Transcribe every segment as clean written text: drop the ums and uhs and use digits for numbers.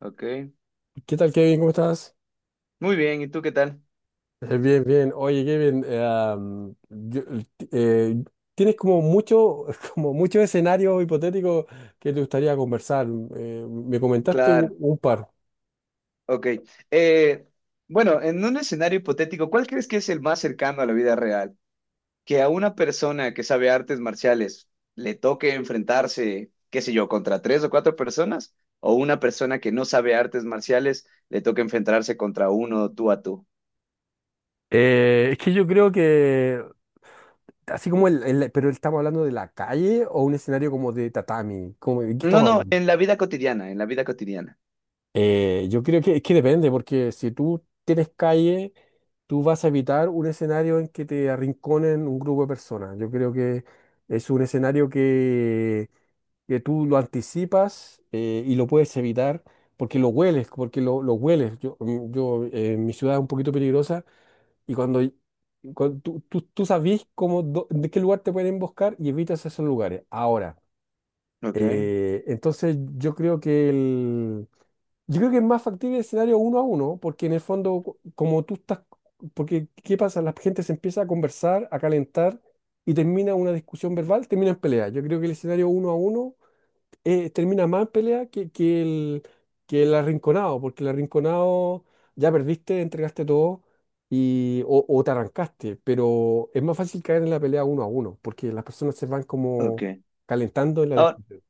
Ok, ¿Qué tal, Kevin? ¿Cómo estás? muy bien, ¿y tú qué tal? Bien, bien. Oye, Kevin, am, yo- el ti- tienes como mucho, como muchos escenarios hipotéticos que te gustaría conversar. Me comentaste un, Claro, un par. ok. Eh, bueno, en un escenario hipotético, ¿cuál crees que es el más cercano a la vida real? Que a una persona que sabe artes marciales le toque enfrentarse, qué sé yo, contra tres o cuatro personas, o una persona que no sabe artes marciales le toque enfrentarse contra uno tú a tú. Es que yo creo que, así como el- pero estamos hablando de la calle o un escenario como de tatami. ¿Cómo? ¿De qué No, estamos no, hablando? en la vida cotidiana, en la vida cotidiana. Yo creo que, es que depende, porque si tú tienes calle, tú vas a evitar un escenario en que te arrinconen un grupo de personas. Yo creo que es un escenario que tú lo anticipas y lo puedes evitar porque lo hueles, porque lo hueles. Yo, mm, yo Mi ciudad es un poquito peligrosa y cuando, cuando tú sabes cómo, de qué lugar te pueden emboscar y evitas esos lugares. Ahora, Ok, entonces yo creo que es más factible el escenario uno a uno, porque en el fondo, como tú estás. Porque ¿qué pasa? La gente se empieza a conversar, a calentar y termina una discusión verbal, termina en pelea. Yo creo que el escenario uno a uno termina más en pelea que el arrinconado, porque el arrinconado ya perdiste, entregaste todo y, o te arrancaste, pero es más fácil caer en la pelea uno a uno, porque las personas se van como ok. calentando en la Ahora, discusión.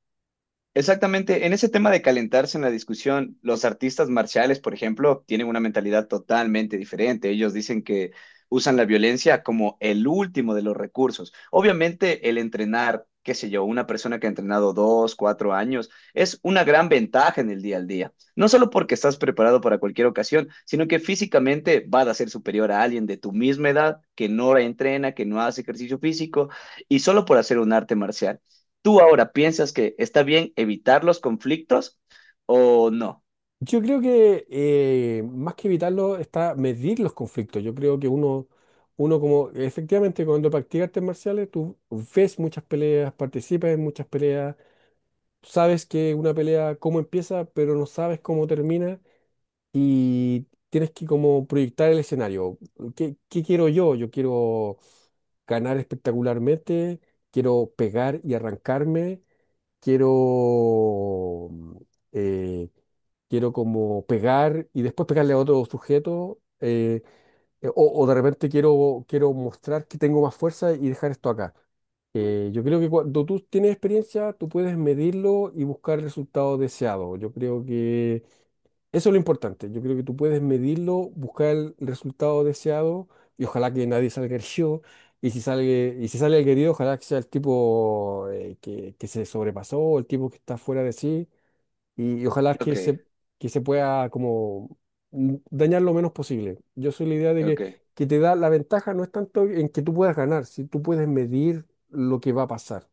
exactamente, en ese tema de calentarse en la discusión, los artistas marciales, por ejemplo, tienen una mentalidad totalmente diferente. Ellos dicen que usan la violencia como el último de los recursos. Obviamente, el entrenar, qué sé yo, una persona que ha entrenado 2, 4 años, es una gran ventaja en el día al día. No solo porque estás preparado para cualquier ocasión, sino que físicamente vas a ser superior a alguien de tu misma edad que no entrena, que no hace ejercicio físico y solo por hacer un arte marcial. ¿Tú ahora piensas que está bien evitar los conflictos o no? Yo creo que más que evitarlo está medir los conflictos. Yo creo que uno como efectivamente cuando practicas artes marciales, tú ves muchas peleas, participas en muchas peleas, sabes que una pelea cómo empieza, pero no sabes cómo termina y tienes que como proyectar el escenario. ¿Qué quiero yo? Yo quiero ganar espectacularmente, quiero pegar y arrancarme, quiero, mm, eh, quiero como pegar y después pegarle a otro sujeto, o de repente quiero mostrar que tengo más fuerza y dejar esto acá. Yo creo que cuando tú tienes experiencia, tú puedes medirlo y buscar el resultado deseado. Yo creo que eso es lo importante. Yo creo que tú puedes medirlo, buscar el resultado deseado y ojalá que nadie salga herido. Y si sale el herido, ojalá que sea el tipo que se sobrepasó, el tipo que está fuera de sí. Y ojalá Ok, que se pueda como dañar lo menos posible. Yo soy la idea de que, ok. que te da la ventaja no es tanto en que tú puedas ganar, si tú puedes medir lo que va a pasar.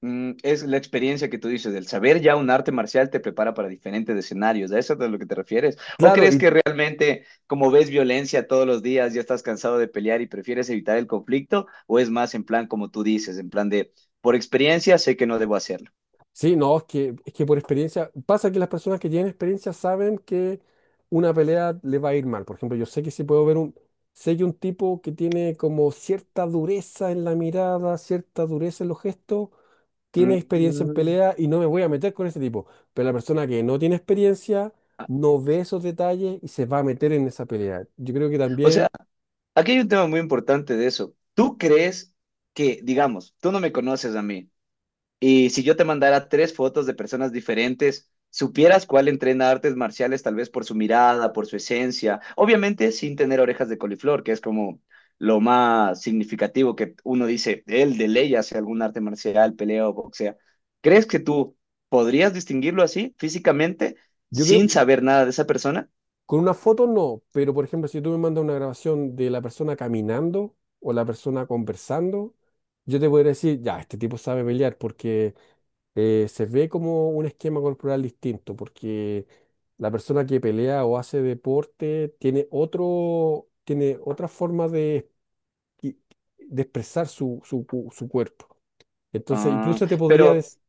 Es la experiencia que tú dices, del saber ya un arte marcial te prepara para diferentes escenarios, ¿a eso es a lo que te refieres? ¿O Claro, crees y, que realmente, como ves violencia todos los días, ya estás cansado de pelear y prefieres evitar el conflicto? ¿O es más en plan como tú dices, en plan de, por experiencia sé que no debo hacerlo? sí, no, es que por experiencia, pasa que las personas que tienen experiencia saben que una pelea le va a ir mal. Por ejemplo, yo sé que si puedo ver un, sé que un tipo que tiene como cierta dureza en la mirada, cierta dureza en los gestos, tiene experiencia en Mm. pelea y no me voy a meter con ese tipo. Pero la persona que no tiene experiencia no ve esos detalles y se va a meter en esa pelea. Yo creo que O sea, también, aquí hay un tema muy importante de eso. ¿Tú crees que, digamos, tú no me conoces a mí? Y si yo te mandara tres fotos de personas diferentes, supieras cuál entrena artes marciales, tal vez por su mirada, por su esencia, obviamente sin tener orejas de coliflor, que es como lo más significativo que uno dice, él de ley hace algún arte marcial, pelea o boxea. ¿Crees que tú podrías distinguirlo así, físicamente, yo sin creo. saber nada de esa persona? Con una foto no, pero por ejemplo, si tú me mandas una grabación de la persona caminando o la persona conversando, yo te podría decir, ya, este tipo sabe pelear porque se ve como un esquema corporal distinto, porque la persona que pelea o hace deporte tiene otro, tiene otra forma de expresar su cuerpo. Entonces, Ah, incluso te podría pero, decir.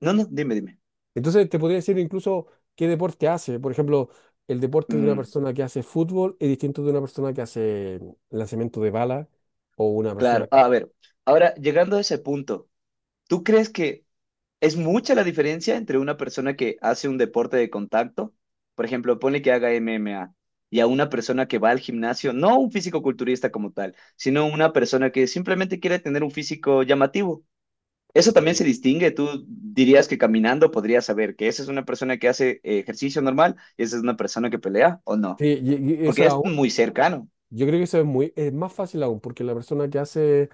no, no, dime, dime. Entonces te podría decir incluso qué deporte hace. Por ejemplo, el deporte de una Mm, persona que hace fútbol es distinto de una persona que hace lanzamiento de bala o una persona claro, que. a ver, ahora llegando a ese punto, ¿tú crees que es mucha la diferencia entre una persona que hace un deporte de contacto, por ejemplo, pone que haga MMA, y a una persona que va al gimnasio, no un físico-culturista como tal, sino una persona que simplemente quiere tener un físico llamativo? Eso también se Sí. distingue. Tú dirías que caminando podrías saber que esa es una persona que hace ejercicio normal y esa es una persona que pelea o Sí, no, y eso porque es muy cercano. yo creo que eso es muy, es más fácil aún, porque la persona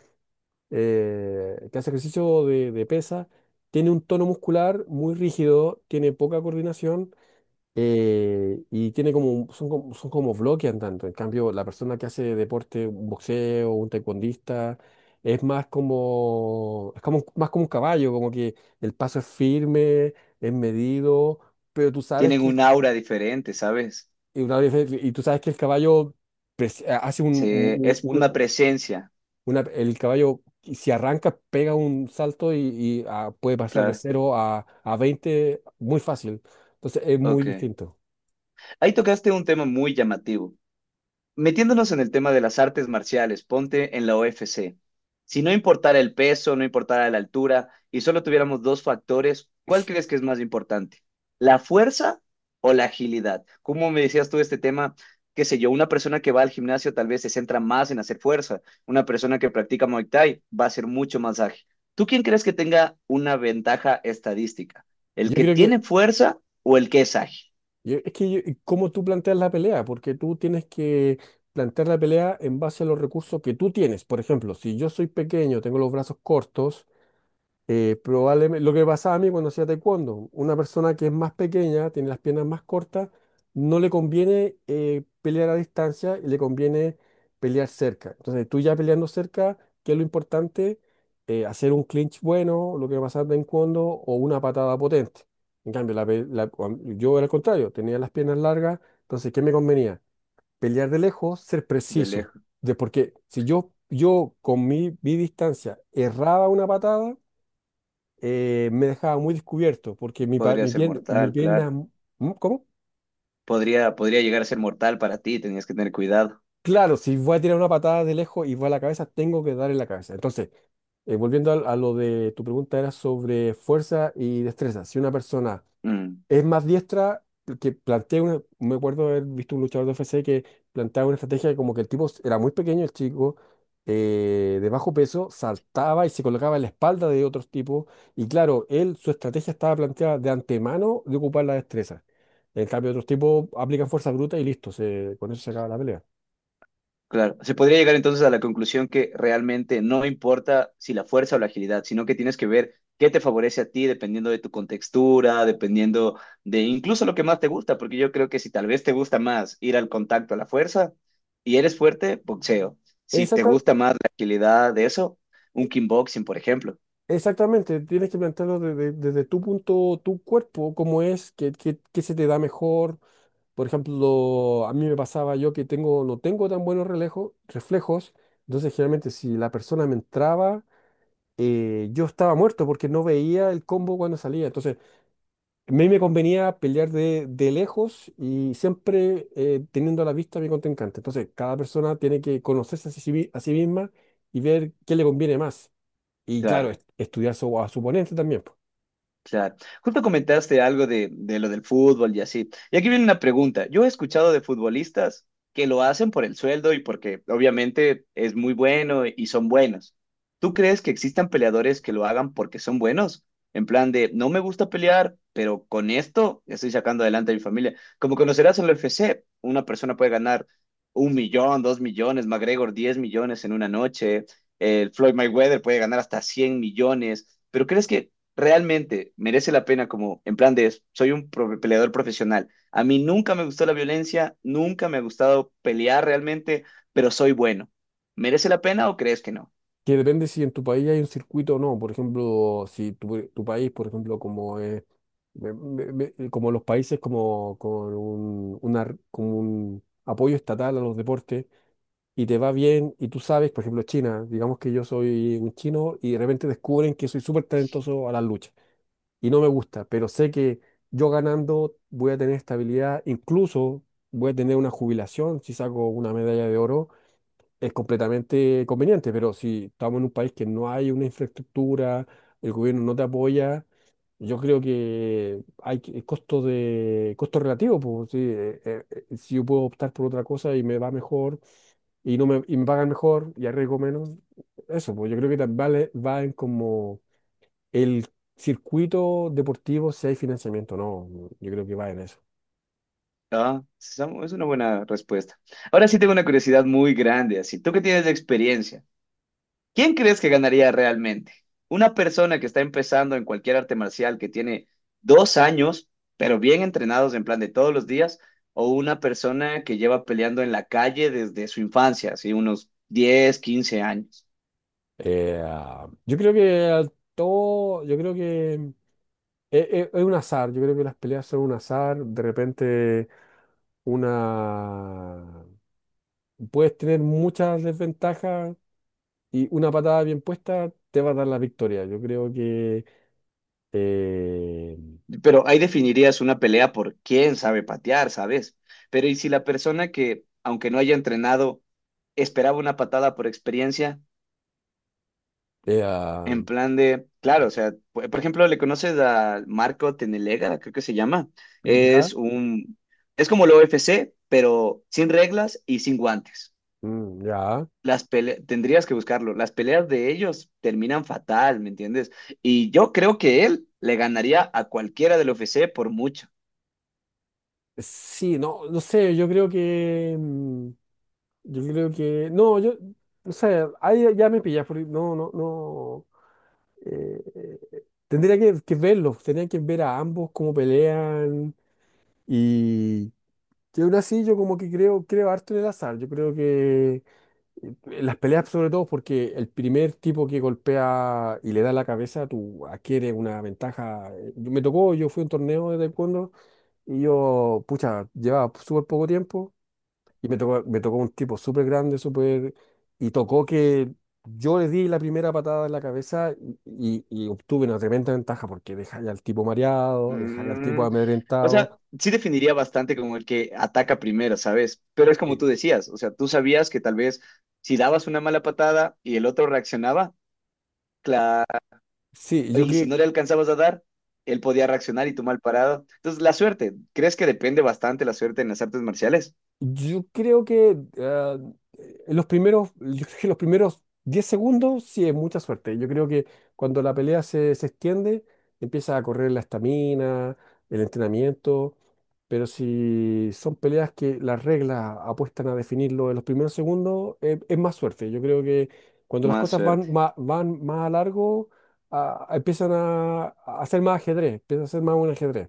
que hace ejercicio de pesa tiene un tono muscular muy rígido, tiene poca coordinación y tiene como, son como bloquean tanto. En cambio, la persona que hace deporte, un boxeo, un taekwondista, es más como, es como, más como un caballo, como que el paso es firme, es medido, pero tú sabes Tienen que, un aura diferente, ¿sabes? Y tú sabes que el caballo pres- hace Sí, es un- una presencia, una- el caballo, si arranca, pega un salto y puede pasar de claro. cero a 20 muy fácil. Entonces es muy Ok. distinto. Ahí tocaste un tema muy llamativo. Metiéndonos en el tema de las artes marciales, ponte en la UFC. Si no importara el peso, no importara la altura y solo tuviéramos dos factores, ¿cuál crees que es más importante? ¿La fuerza o la agilidad? ¿Cómo me decías tú este tema? Qué sé yo, una persona que va al gimnasio tal vez se centra más en hacer fuerza, una persona que practica Muay Thai va a ser mucho más ágil. ¿Tú quién crees que tenga una ventaja estadística? ¿El Yo que creo que. tiene fuerza o el que es ágil? ¿Cómo tú planteas la pelea? Porque tú tienes que plantear la pelea en base a los recursos que tú tienes. Por ejemplo, si yo soy pequeño, tengo los brazos cortos, probablemente, lo que pasaba a mí cuando hacía taekwondo, una persona que es más pequeña, tiene las piernas más cortas, no le conviene pelear a distancia y le conviene pelear cerca. Entonces, tú ya peleando cerca, ¿qué es lo importante? Hacer un clinch bueno, lo que pasaba en taekwondo, o una patada potente. En cambio, la pe- la- cuan- yo era al contrario, tenía las piernas largas, entonces, ¿qué me convenía? Pelear de lejos, ser De preciso. lejos, Porque si yo con mi distancia erraba una patada, me dejaba muy descubierto, porque mi, pa- podría mi, ser pierna, mi mortal, pierna. claro. ¿Mm? ¿Cómo? Podría, podría llegar a ser mortal para ti, tenías que tener cuidado. Claro, si voy a tirar una patada de lejos y va a la cabeza, tengo que dar en la cabeza. Entonces, volviendo a lo de tu pregunta, era sobre fuerza y destreza. Si una persona Mm, es más diestra que plantea una, me acuerdo haber visto un luchador de UFC que planteaba una estrategia que como que el tipo era muy pequeño, el chico, de bajo peso, saltaba y se colocaba en la espalda de otros tipos y claro, él, su estrategia estaba planteada de antemano de ocupar la destreza. En cambio, otros tipos aplican fuerza bruta y listo, con eso se acaba la pelea. claro, se podría llegar entonces a la conclusión que realmente no importa si la fuerza o la agilidad, sino que tienes que ver qué te favorece a ti dependiendo de tu contextura, dependiendo de incluso lo que más te gusta, porque yo creo que si tal vez te gusta más ir al contacto a la fuerza y eres fuerte, boxeo. Si te Exacta- gusta más la agilidad de eso, e- un kickboxing, por ejemplo. Exactamente, tienes que plantearlo desde tu punto, tu cuerpo, cómo es, qué se te da mejor. Por ejemplo, a mí me pasaba yo que no tengo tan buenos reflejos, entonces generalmente si la persona me entraba, yo estaba muerto porque no veía el combo cuando salía. Entonces, a mí me convenía pelear de lejos y siempre teniendo a la vista a mi contrincante. Entonces, cada persona tiene que conocerse a sí misma y ver qué le conviene más. Y claro, Claro. Estudiar a su oponente también. Claro. Justo comentaste algo de lo del fútbol y así. Y aquí viene una pregunta. Yo he escuchado de futbolistas que lo hacen por el sueldo y porque obviamente es muy bueno y son buenos. ¿Tú crees que existan peleadores que lo hagan porque son buenos? En plan de, no me gusta pelear, pero con esto estoy sacando adelante a mi familia. Como conocerás en la UFC, una persona puede ganar 1 millón, 2 millones, McGregor 10 millones en una noche, el Floyd Mayweather puede ganar hasta 100 millones. ¿Pero crees que realmente merece la pena como en plan de soy un peleador profesional? A mí nunca me gustó la violencia, nunca me ha gustado pelear realmente, pero soy bueno. ¿Merece la pena o crees que no? Que depende si en tu país hay un circuito o no. Por ejemplo, si tu país, por ejemplo, como es, como los países como con un, una r- como un apoyo estatal a los deportes y te va bien y tú sabes, por ejemplo, China, digamos que yo soy un chino y de repente descubren que soy súper talentoso a las luchas y no me gusta, pero sé que yo ganando voy a tener estabilidad, incluso voy a tener una jubilación si saco una medalla de oro es completamente conveniente, pero si estamos en un país que no hay una infraestructura, el gobierno no te apoya, yo creo que costo de costo relativo, pues sí, si yo puedo optar por otra cosa y me va mejor y no me, y me pagan mejor y arriesgo menos, eso, pues yo creo que también vale, va en como el circuito deportivo si hay financiamiento, no, yo creo que va en eso. Ah, es una buena respuesta. Ahora sí tengo una curiosidad muy grande, así. Tú que tienes de experiencia. ¿Quién crees que ganaría realmente? ¿Una persona que está empezando en cualquier arte marcial que tiene 2 años, pero bien entrenados en plan de todos los días? ¿O una persona que lleva peleando en la calle desde su infancia, así unos 10, 15 años? Yo creo que yo creo que es un azar, yo creo que las peleas son un azar, de repente una puedes tener muchas desventajas y una patada bien puesta te va a dar la victoria. Yo creo que eh, Pero ahí definirías una pelea por quién sabe patear, ¿sabes? Pero ¿y si la persona que, aunque no haya entrenado, esperaba una patada por experiencia? eh, En ah, plan de, claro, o sea, por ejemplo, le conoces a Marco Tenelega, creo que se llama. ya, Es un, es como el UFC, pero sin reglas y sin guantes. Ya. Tendrías que buscarlo. Las peleas de ellos terminan fatal, ¿me entiendes? Y yo creo que él le ganaría a cualquiera del UFC por mucho. Sí, no, no sé, yo creo que, no, yo, no sé, ahí ya me pillas, porque no, no, no. Tendría que verlos, tendrían que ver a ambos cómo pelean y que aún así yo como que creo harto en el azar, yo creo que las peleas sobre todo porque el primer tipo que golpea y le da la cabeza, tú adquieres una ventaja. Me tocó, yo fui a un torneo de taekwondo y yo, pucha, llevaba súper poco tiempo y me tocó un tipo súper grande, súper. Y tocó que yo le di la primera patada en la cabeza y obtuve una tremenda ventaja porque dejáis al tipo mareado, dejáis al tipo Mm, o amedrentado. sea, sí definiría bastante como el que ataca primero, ¿sabes? Pero es como Sí, tú decías, o sea, tú sabías que tal vez si dabas una mala patada y el otro reaccionaba, sí, y si no le alcanzabas a dar, él podía reaccionar y tú mal parado. Entonces, la suerte, ¿crees que depende bastante la suerte en las artes marciales? yo creo que en los primeros, yo creo que los primeros 10 segundos sí es mucha suerte. Yo creo que cuando la pelea se extiende, empieza a correr la estamina, el entrenamiento. Pero si son peleas que las reglas apuestan a definirlo en los primeros segundos, es más suerte. Yo creo que cuando las Más cosas suerte. van más a largo, empiezan a ser más ajedrez, empieza a ser más un ajedrez.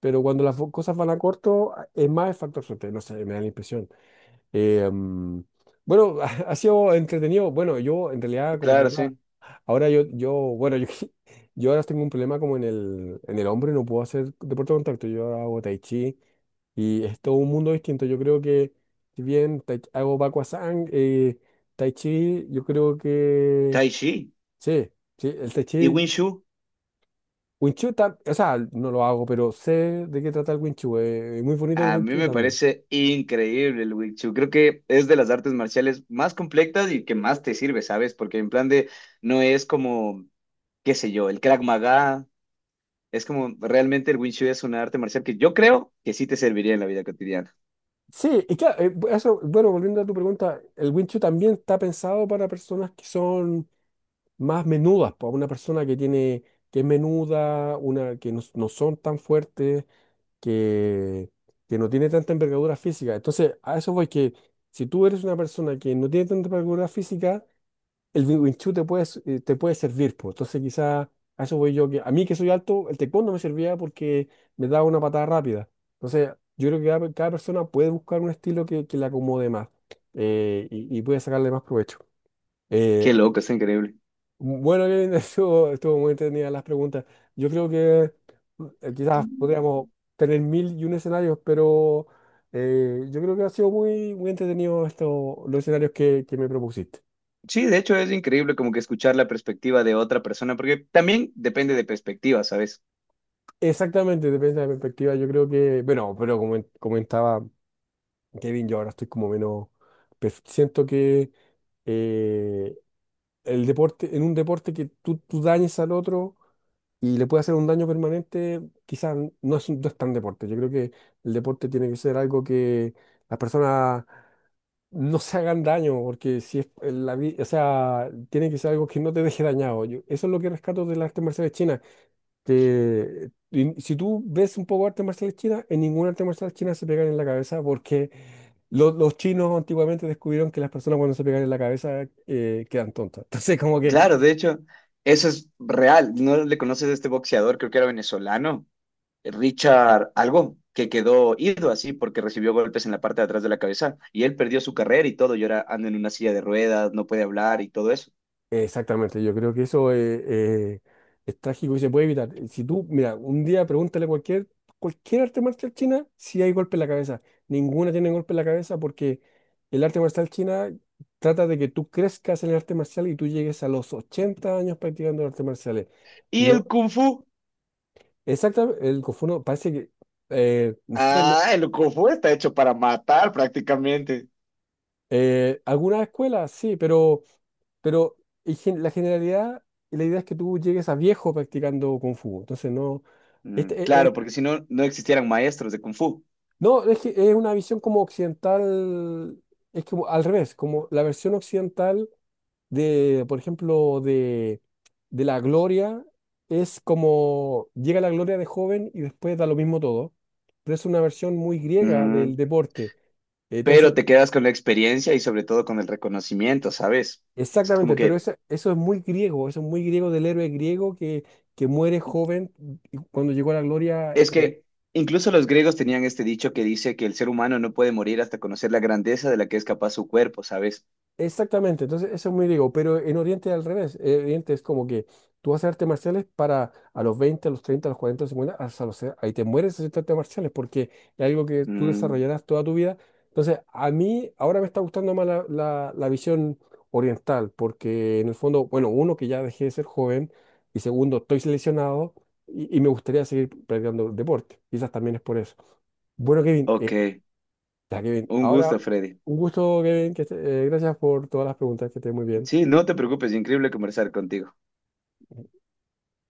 Pero cuando las cosas van a corto, es más el factor suerte. No sé, me da la impresión. Eh, mm, bueno, ha sido entretenido. Bueno, yo en realidad como que Claro, ahora. sí. Ahora yo, bueno, yo, yo ahora tengo un problema como en el hombro y no puedo hacer deporte de contacto. Yo ahora hago tai chi y es todo un mundo distinto. Yo creo que, si bien hago Bakwazang, tai chi, yo creo que, Tai Chi sí, sí, el tai y chi, Wing Chun. Wing Chun, o sea, no lo hago, pero sé de qué trata el Wing Chun. Es muy bonito el A Wing mí Chun me también. parece increíble el Wing Chun. Creo que es de las artes marciales más completas y que más te sirve, ¿sabes? Porque en plan de, no es como, qué sé yo, el Krav Maga. Es como, realmente el Wing Chun es una arte marcial que yo creo que sí te serviría en la vida cotidiana. Sí, y claro, eso, bueno, volviendo a tu pregunta, el Wing Chun también está pensado para personas que son más menudas, para una persona que tiene, que es menuda, una que no son tan fuertes, que, que no tiene tanta envergadura física. Entonces, a eso voy que si tú eres una persona que no tiene tanta envergadura física, el Wing Chun te puede, te puede servir, pues. Entonces, quizá a eso voy yo, que a mí que soy alto, el taekwondo me servía porque me daba una patada rápida. Entonces, yo creo que cada persona puede buscar un estilo que le acomode más y puede sacarle más provecho. Eh, Qué loco, está increíble. bueno, Kevin, estuvo muy entretenida las preguntas. Yo creo que quizás podríamos tener mil y un escenarios, pero yo creo que ha sido muy, muy entretenido esto, los escenarios que me propusiste. Sí, de hecho es increíble como que escuchar la perspectiva de otra persona, porque también depende de perspectiva, ¿sabes? Exactamente, depende de la perspectiva. Yo creo que, bueno, pero como comentaba Kevin, yo ahora estoy como menos, siento que. eh, el deporte, en un deporte que tú dañes al otro y le puede hacer un daño permanente, quizás no es, no es tan deporte. Yo creo que el deporte tiene que ser algo que las personas no se hagan daño, porque si es en la vida, o sea, tiene que ser algo que no te deje dañado. Eso es lo que rescato de las artes marciales chinas, que si tú ves un poco de artes marciales chinas, en ninguna arte marcial china se pegan en la cabeza porque los chinos antiguamente descubrieron que las personas cuando se pegan en la cabeza quedan tontas. Entonces, como Claro, que. de hecho, eso es real. ¿No le conoces a este boxeador? Creo que era venezolano, Richard algo, que quedó ido así porque recibió golpes en la parte de atrás de la cabeza y él perdió su carrera y todo, y ahora anda en una silla de ruedas, no puede hablar y todo eso. Exactamente, yo creo que eso es trágico y se puede evitar. Si tú, mira, un día pregúntale a cualquier, arte marcial china si hay golpe en la cabeza. Ninguna tiene golpe en la cabeza porque el arte marcial china trata de que tú crezcas en el arte marcial y tú llegues a los 80 años practicando artes marciales. ¿Y No, el kung fu? exactamente, el Kung Fu no, parece que, no sé. Ah, el kung fu está hecho para matar prácticamente. Algunas escuelas, sí, pero en la generalidad, la idea es que tú llegues a viejo practicando Kung Fu. Entonces, no. Este, Claro, porque si no, no existieran maestros de kung fu. no, es que es una visión como occidental, es como al revés, como la versión occidental de, por ejemplo, de la gloria, es como llega la gloria de joven y después da lo mismo todo. Pero es una versión muy griega del Mm, deporte. Entonces, pero te quedas con la experiencia y sobre todo con el reconocimiento, ¿sabes? Es como exactamente, pero que, eso es muy griego, eso es muy griego del héroe griego que muere joven y cuando llegó a la gloria. es que incluso los griegos tenían este dicho que dice que el ser humano no puede morir hasta conocer la grandeza de la que es capaz su cuerpo, ¿sabes? Exactamente, entonces eso es muy griego, pero en Oriente es al revés. En Oriente es como que tú haces artes marciales para a los 20, a los 30, a los 40, a los 50, hasta los, ahí te mueres haciendo artes marciales porque es algo que tú Mm, desarrollarás toda tu vida. Entonces, a mí ahora me está gustando más la visión oriental porque en el fondo, bueno, uno que ya dejé de ser joven y segundo, estoy seleccionado y me gustaría seguir practicando deporte. Quizás también es por eso. Bueno, Kevin, ok, ya, Kevin. un Ahora, gusto, Freddy. un gusto, Kevin. Gracias por todas las preguntas. Que estés muy Sí, bien. no te preocupes, increíble conversar contigo.